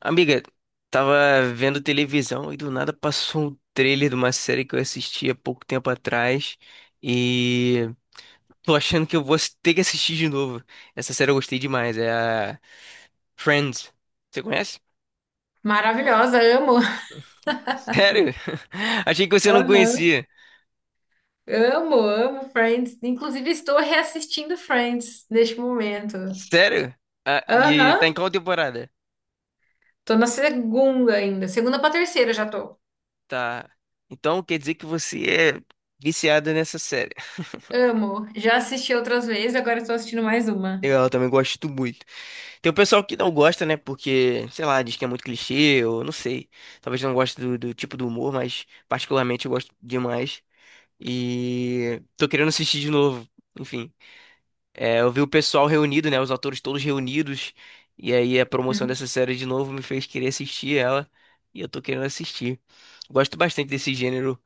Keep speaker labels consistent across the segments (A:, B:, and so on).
A: Amiga, tava vendo televisão e do nada passou um trailer de uma série que eu assisti há pouco tempo atrás e tô achando que eu vou ter que assistir de novo. Essa série eu gostei demais, é a Friends. Você conhece?
B: Maravilhosa, amo.
A: Sério? Achei que você não
B: Aham.
A: conhecia.
B: Amo, amo Friends. Inclusive, estou reassistindo Friends neste momento.
A: Sério? Ah, e tá
B: Aham.
A: em qual temporada?
B: Tô na segunda ainda. Segunda pra terceira já tô.
A: Tá. Então quer dizer que você é viciada nessa série.
B: Amo. Já assisti outras vezes, agora estou assistindo mais uma.
A: Eu também gosto muito. Tem o pessoal que não gosta, né? Porque, sei lá, diz que é muito clichê, ou não sei. Talvez não goste do tipo do humor, mas particularmente eu gosto demais. E tô querendo assistir de novo. Enfim, eu vi o pessoal reunido, né? Os atores todos reunidos. E aí a promoção
B: Uhum.
A: dessa série de novo me fez querer assistir ela. E eu tô querendo assistir. Gosto bastante desse gênero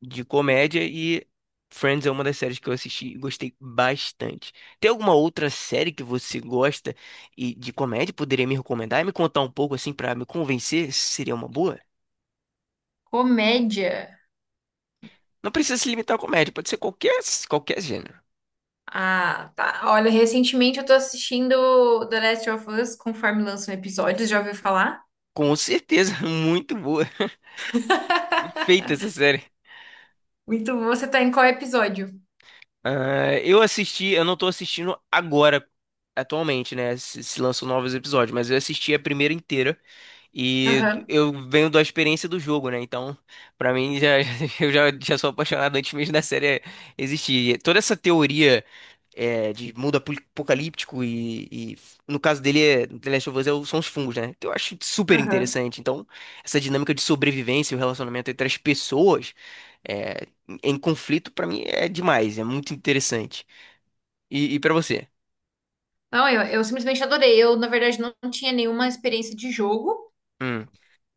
A: de comédia e Friends é uma das séries que eu assisti e gostei bastante. Tem alguma outra série que você gosta e de comédia poderia me recomendar e me contar um pouco assim pra me convencer se seria uma boa?
B: Comédia.
A: Não precisa se limitar à comédia, pode ser qualquer gênero.
B: Ah, tá. Olha, recentemente eu tô assistindo The Last of Us, conforme lançam episódios, já ouviu falar?
A: Com certeza, muito boa. Feita essa série.
B: Muito bom. Você tá em qual episódio?
A: Ah, eu assisti, eu não tô assistindo agora, atualmente, né? Se lançam novos episódios, mas eu assisti a primeira inteira. E
B: Aham.
A: eu venho da experiência do jogo, né? Então, pra mim, já, eu já, já sou apaixonado antes mesmo da série existir. E toda essa teoria de mundo apocalíptico e no caso dele, The Last of Us são os fungos, né? Então, eu acho super
B: Aham.
A: interessante. Então, essa dinâmica de sobrevivência e o relacionamento entre as pessoas é, em conflito, pra mim, é demais. É muito interessante. E para você?
B: Não, eu simplesmente adorei. Eu, na verdade, não tinha nenhuma experiência de jogo,
A: Hum,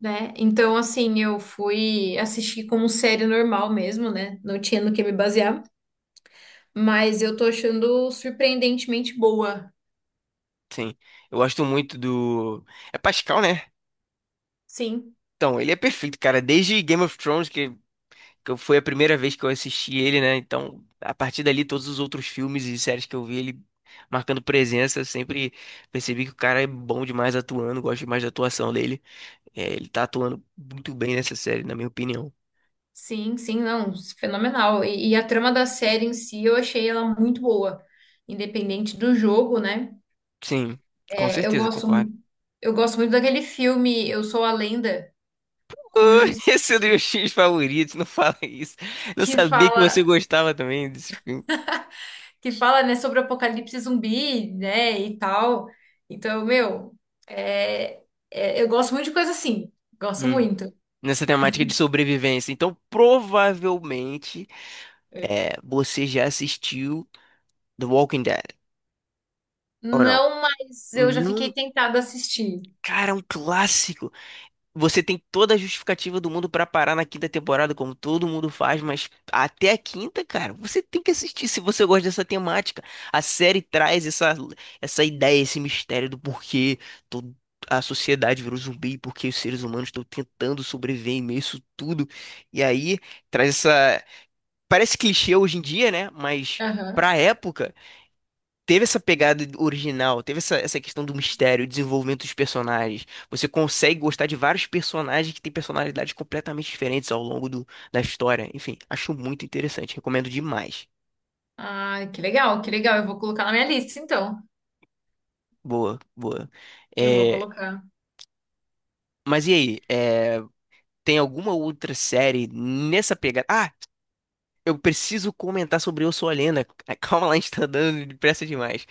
B: né? Então, assim, eu fui assistir como série normal mesmo, né? Não tinha no que me basear. Mas eu tô achando surpreendentemente boa.
A: sim. Eu gosto muito do... É Pascal, né?
B: Sim,
A: Então, ele é perfeito, cara. Desde Game of Thrones, foi a primeira vez que eu assisti ele, né? Então, a partir dali, todos os outros filmes e séries que eu vi, ele marcando presença, eu sempre percebi que o cara é bom demais atuando, gosto demais da atuação dele. É, ele tá atuando muito bem nessa série, na minha opinião.
B: sim, sim, não. Fenomenal. E a trama da série em si, eu achei ela muito boa. Independente do jogo, né?
A: Sim, com
B: É, eu
A: certeza,
B: gosto,
A: concordo.
B: eu gosto muito daquele filme Eu Sou a Lenda, com o Will
A: Ui,
B: Smith,
A: esse é o meu X favorito, não fala isso. Não
B: que
A: sabia que você
B: fala.
A: gostava também desse filme.
B: que fala, né, sobre o apocalipse zumbi, né, e tal. Então, meu, é, eu gosto muito de coisa assim. Gosto
A: Hum,
B: muito.
A: nessa temática de sobrevivência. Então, provavelmente. É, você já assistiu The Walking Dead, ou não?
B: Não, mas eu já fiquei
A: Não,
B: tentada a assistir.
A: cara, é um clássico. Você tem toda a justificativa do mundo pra parar na quinta temporada, como todo mundo faz, mas até a quinta, cara, você tem que assistir se você gosta dessa temática. A série traz essa, essa ideia, esse mistério do porquê todo- a sociedade virou zumbi, porque os seres humanos estão tentando sobreviver em meio a isso tudo. E aí traz essa. Parece clichê hoje em dia, né? Mas
B: Aham.
A: pra época, teve essa pegada original, teve essa, essa questão do mistério, desenvolvimento dos personagens. Você consegue gostar de vários personagens que têm personalidades completamente diferentes ao longo da história. Enfim, acho muito interessante, recomendo demais.
B: Ah, que legal, que legal. Eu vou colocar na minha lista, então.
A: Boa, boa.
B: Eu vou
A: É,
B: colocar.
A: mas e aí? É, tem alguma outra série nessa pegada? Ah, eu preciso comentar sobre Eu Sou a Lenda. Calma lá, a gente tá dando depressa demais.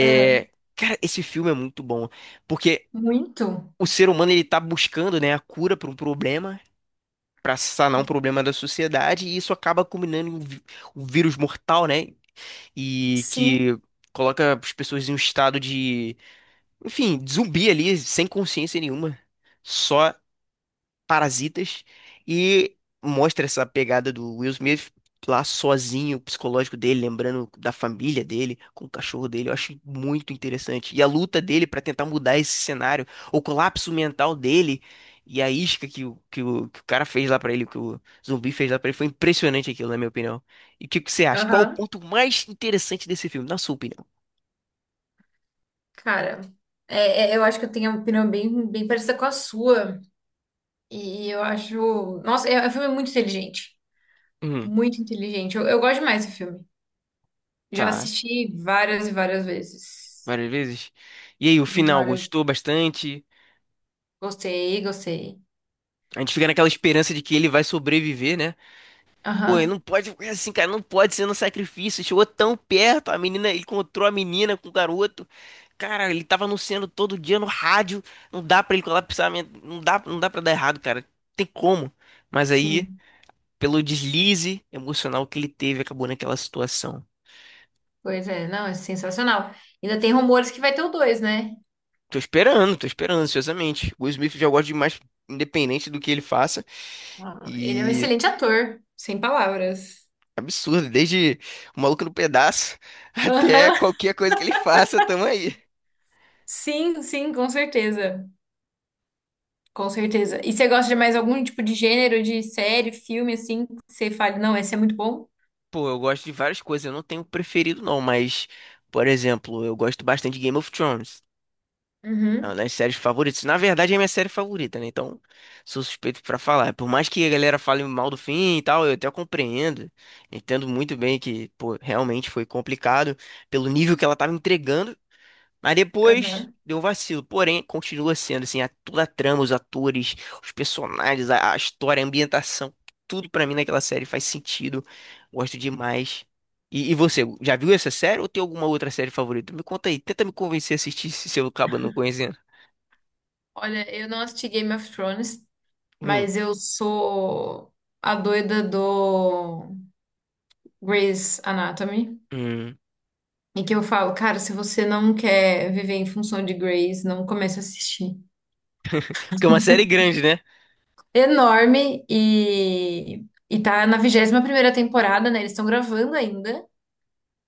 B: É.
A: cara, esse filme é muito bom, porque
B: Muito?
A: o ser humano ele tá buscando, né, a cura para um problema, para sanar um problema da sociedade e isso acaba culminando em um vírus mortal, né? E
B: Sim.
A: que coloca as pessoas em um estado de, enfim, de zumbi ali, sem consciência nenhuma. Só parasitas, e mostra essa pegada do Will Smith lá sozinho, o psicológico dele, lembrando da família dele, com o cachorro dele. Eu acho muito interessante. E a luta dele pra tentar mudar esse cenário, o colapso mental dele e a isca que o cara fez lá pra ele, que o zumbi fez lá pra ele, foi impressionante aquilo, na minha opinião. E o que, que você acha? Qual o
B: Aham.
A: ponto mais interessante desse filme, na sua opinião?
B: Cara, eu acho que eu tenho uma opinião bem, bem parecida com a sua. E eu acho. Nossa, é um filme muito inteligente.
A: Hum,
B: Muito inteligente. Eu gosto demais desse filme. Já
A: tá.
B: assisti várias e várias vezes.
A: Várias vezes. E aí, o final,
B: Várias.
A: gostou bastante?
B: Gostei, gostei.
A: A gente fica naquela esperança de que ele vai sobreviver, né? Pô, ele não
B: Aham,
A: pode ficar assim, cara, não pode ser no sacrifício. Chegou tão perto, a menina, ele encontrou a menina com o garoto. Cara, ele tava anunciando todo dia no rádio. Não dá pra ele colapsar, não dá, não dá para dar errado, cara. Tem como. Mas aí,
B: sim.
A: pelo deslize emocional que ele teve, acabou naquela situação.
B: Pois é, não, é sensacional. Ainda tem rumores que vai ter o dois, né?
A: Tô esperando ansiosamente. O Will Smith eu já gosto demais, independente do que ele faça.
B: Ah, ele é um
A: E
B: excelente ator, sem palavras.
A: absurdo, desde o Maluco no Pedaço até
B: Aham.
A: qualquer coisa que ele faça, tamo aí.
B: Sim, sim, com certeza. Com certeza. E você gosta de mais algum tipo de gênero, de série, filme, assim, que você fale, não, esse é muito bom?
A: Pô, eu gosto de várias coisas, eu não tenho preferido não, mas, por exemplo, eu gosto bastante de Game of Thrones. É uma
B: Uhum.
A: das séries favoritas. Na verdade, é minha série favorita, né? Então, sou suspeito pra falar. Por mais que a galera fale mal do fim e tal, eu até compreendo. Entendo muito bem que, pô, realmente foi complicado pelo nível que ela tava entregando. Mas depois
B: Aham.
A: deu um vacilo. Porém, continua sendo assim, a, toda a trama, os atores, os personagens, a história, a ambientação, tudo pra mim naquela série faz sentido. Gosto demais. E você, já viu essa série ou tem alguma outra série favorita? Me conta aí, tenta me convencer a assistir se eu acabo não conhecendo.
B: Olha, eu não assisti Game of Thrones,
A: Hum,
B: mas eu sou a doida do Grey's Anatomy.
A: hum.
B: E que eu falo, cara, se você não quer viver em função de Grey's, não comece a assistir.
A: Porque é uma série grande, né?
B: Enorme e tá na 21ª temporada, né? Eles estão gravando ainda,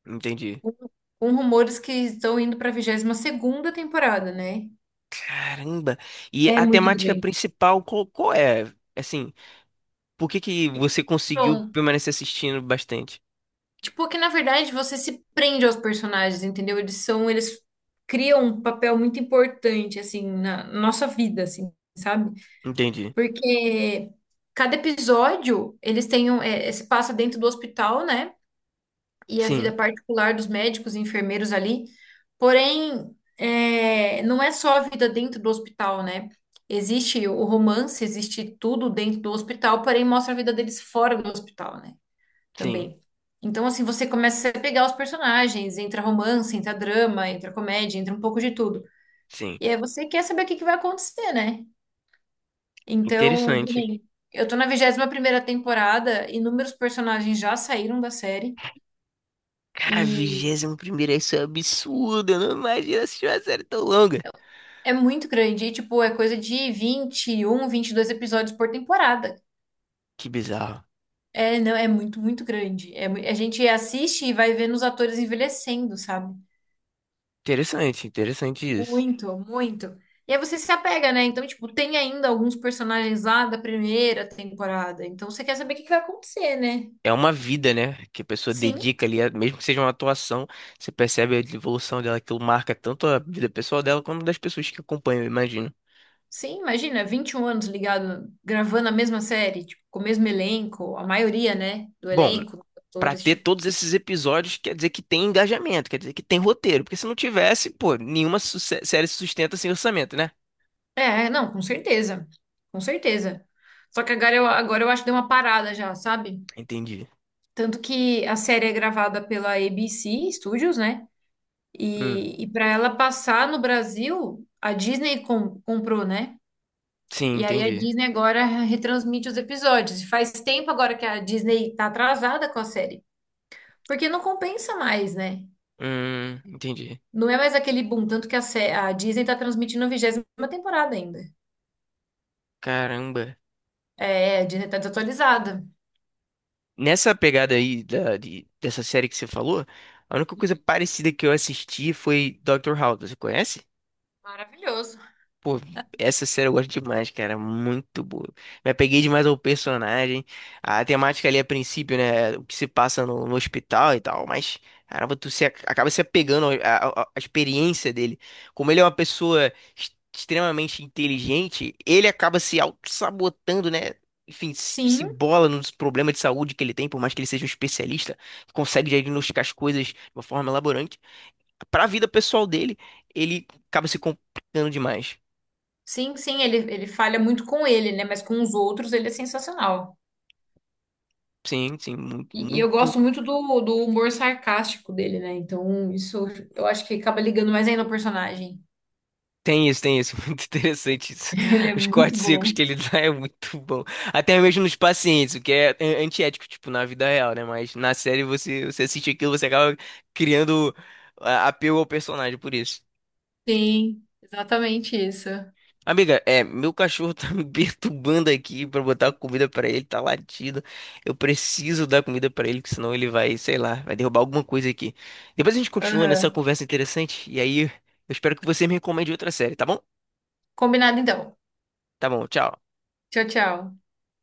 A: Entendi.
B: com com rumores que estão indo pra 22ª temporada, né?
A: Caramba! E
B: É
A: a
B: muito
A: temática
B: grande.
A: principal, qual, qual é? Assim, por que que você conseguiu
B: Então,
A: permanecer assistindo bastante?
B: tipo que na verdade você se prende aos personagens, entendeu? Eles criam um papel muito importante, assim, na nossa vida, assim, sabe?
A: Entendi.
B: Porque cada episódio, eles têm se passa dentro do hospital, né? E a vida
A: Sim,
B: particular dos médicos e enfermeiros ali. Porém, não é só a vida dentro do hospital, né? Existe o romance, existe tudo dentro do hospital, porém mostra a vida deles fora do hospital, né?
A: sim.
B: Também. Então, assim, você começa a pegar os personagens, entra romance, entra drama, entra comédia, entra um pouco de tudo.
A: Sim.
B: E aí você quer saber o que que vai acontecer, né? Então, que
A: Interessante.
B: nem- eu tô na 21ª temporada, inúmeros personagens já saíram da série
A: Cara,
B: e
A: vigésimo primeiro isso é absurdo. Eu não imagino assistir uma série tão longa.
B: é muito grande, e, tipo, é coisa de 20 21, 22 episódios por temporada.
A: Que bizarro.
B: É, não, é muito, muito grande. A gente assiste e vai vendo os atores envelhecendo, sabe?
A: Interessante, interessante isso.
B: Muito, muito. E aí você se apega, né? Então, tipo, tem ainda alguns personagens lá da primeira temporada. Então, você quer saber o que que vai acontecer, né?
A: É uma vida, né? Que a pessoa
B: Sim,
A: dedica ali, mesmo que seja uma atuação, você percebe a evolução dela, aquilo marca tanto a vida pessoal dela quanto das pessoas que acompanham, eu imagino.
B: sim, imagina, 21 anos ligado, gravando a mesma série, tipo, com o mesmo elenco, a maioria, né, do
A: Bom,
B: elenco, dos
A: pra
B: atores,
A: ter
B: tipo.
A: todos esses episódios, quer dizer que tem engajamento, quer dizer que tem roteiro, porque se não tivesse, pô, nenhuma série se sustenta sem orçamento, né?
B: É, não, com certeza. Com certeza. Só que agora eu acho que deu uma parada já, sabe?
A: Entendi.
B: Tanto que a série é gravada pela ABC Studios, né?
A: Hum,
B: E para ela passar no Brasil, a Disney comprou, né?
A: sim,
B: E aí a
A: entendi.
B: Disney agora retransmite os episódios. E faz tempo agora que a Disney tá atrasada com a série. Porque não compensa mais, né?
A: Entendi.
B: Não é mais aquele boom, tanto que a Disney tá transmitindo a 20ª temporada ainda.
A: Caramba.
B: É, a Disney tá desatualizada.
A: Nessa pegada aí dessa série que você falou, a única coisa parecida que eu assisti foi Dr. House. Você conhece?
B: Maravilhoso.
A: Pô, essa série eu gosto demais, cara. Muito boa. Me apeguei demais ao personagem. A temática ali a princípio, né? O que se passa no, no hospital e tal. Mas, caramba, tu se, acaba se apegando à experiência dele. Como ele é uma pessoa extremamente inteligente, ele acaba se auto-sabotando, né? Enfim, se
B: Sim,
A: embola nos problemas de saúde que ele tem, por mais que ele seja um especialista, consegue diagnosticar as coisas de uma forma elaborante. Para a vida pessoal dele, ele acaba se complicando demais.
B: sim, sim, ele falha muito com ele, né? Mas com os outros ele é sensacional.
A: Sim, sim, muito,
B: E eu
A: muito.
B: gosto muito do humor sarcástico dele, né? Então, isso eu acho que acaba ligando mais ainda ao personagem.
A: Tem isso, tem isso. Muito interessante isso.
B: Ele é
A: Os
B: muito
A: cortes secos
B: bom.
A: que ele dá é muito bom. Até mesmo nos pacientes, o que é antiético, tipo, na vida real, né? Mas na série você, você assiste aquilo, você acaba criando apego ao personagem por isso.
B: Sim, exatamente isso.
A: Amiga, é, meu cachorro tá me perturbando aqui pra botar comida pra ele, tá latindo. Eu preciso dar comida pra ele, que senão ele vai, sei lá, vai derrubar alguma coisa aqui. Depois a gente continua nessa
B: Aham.
A: conversa interessante, e aí eu espero que você me recomende outra série, tá bom?
B: Combinado então.
A: Tá bom, tchau.
B: Tchau, tchau.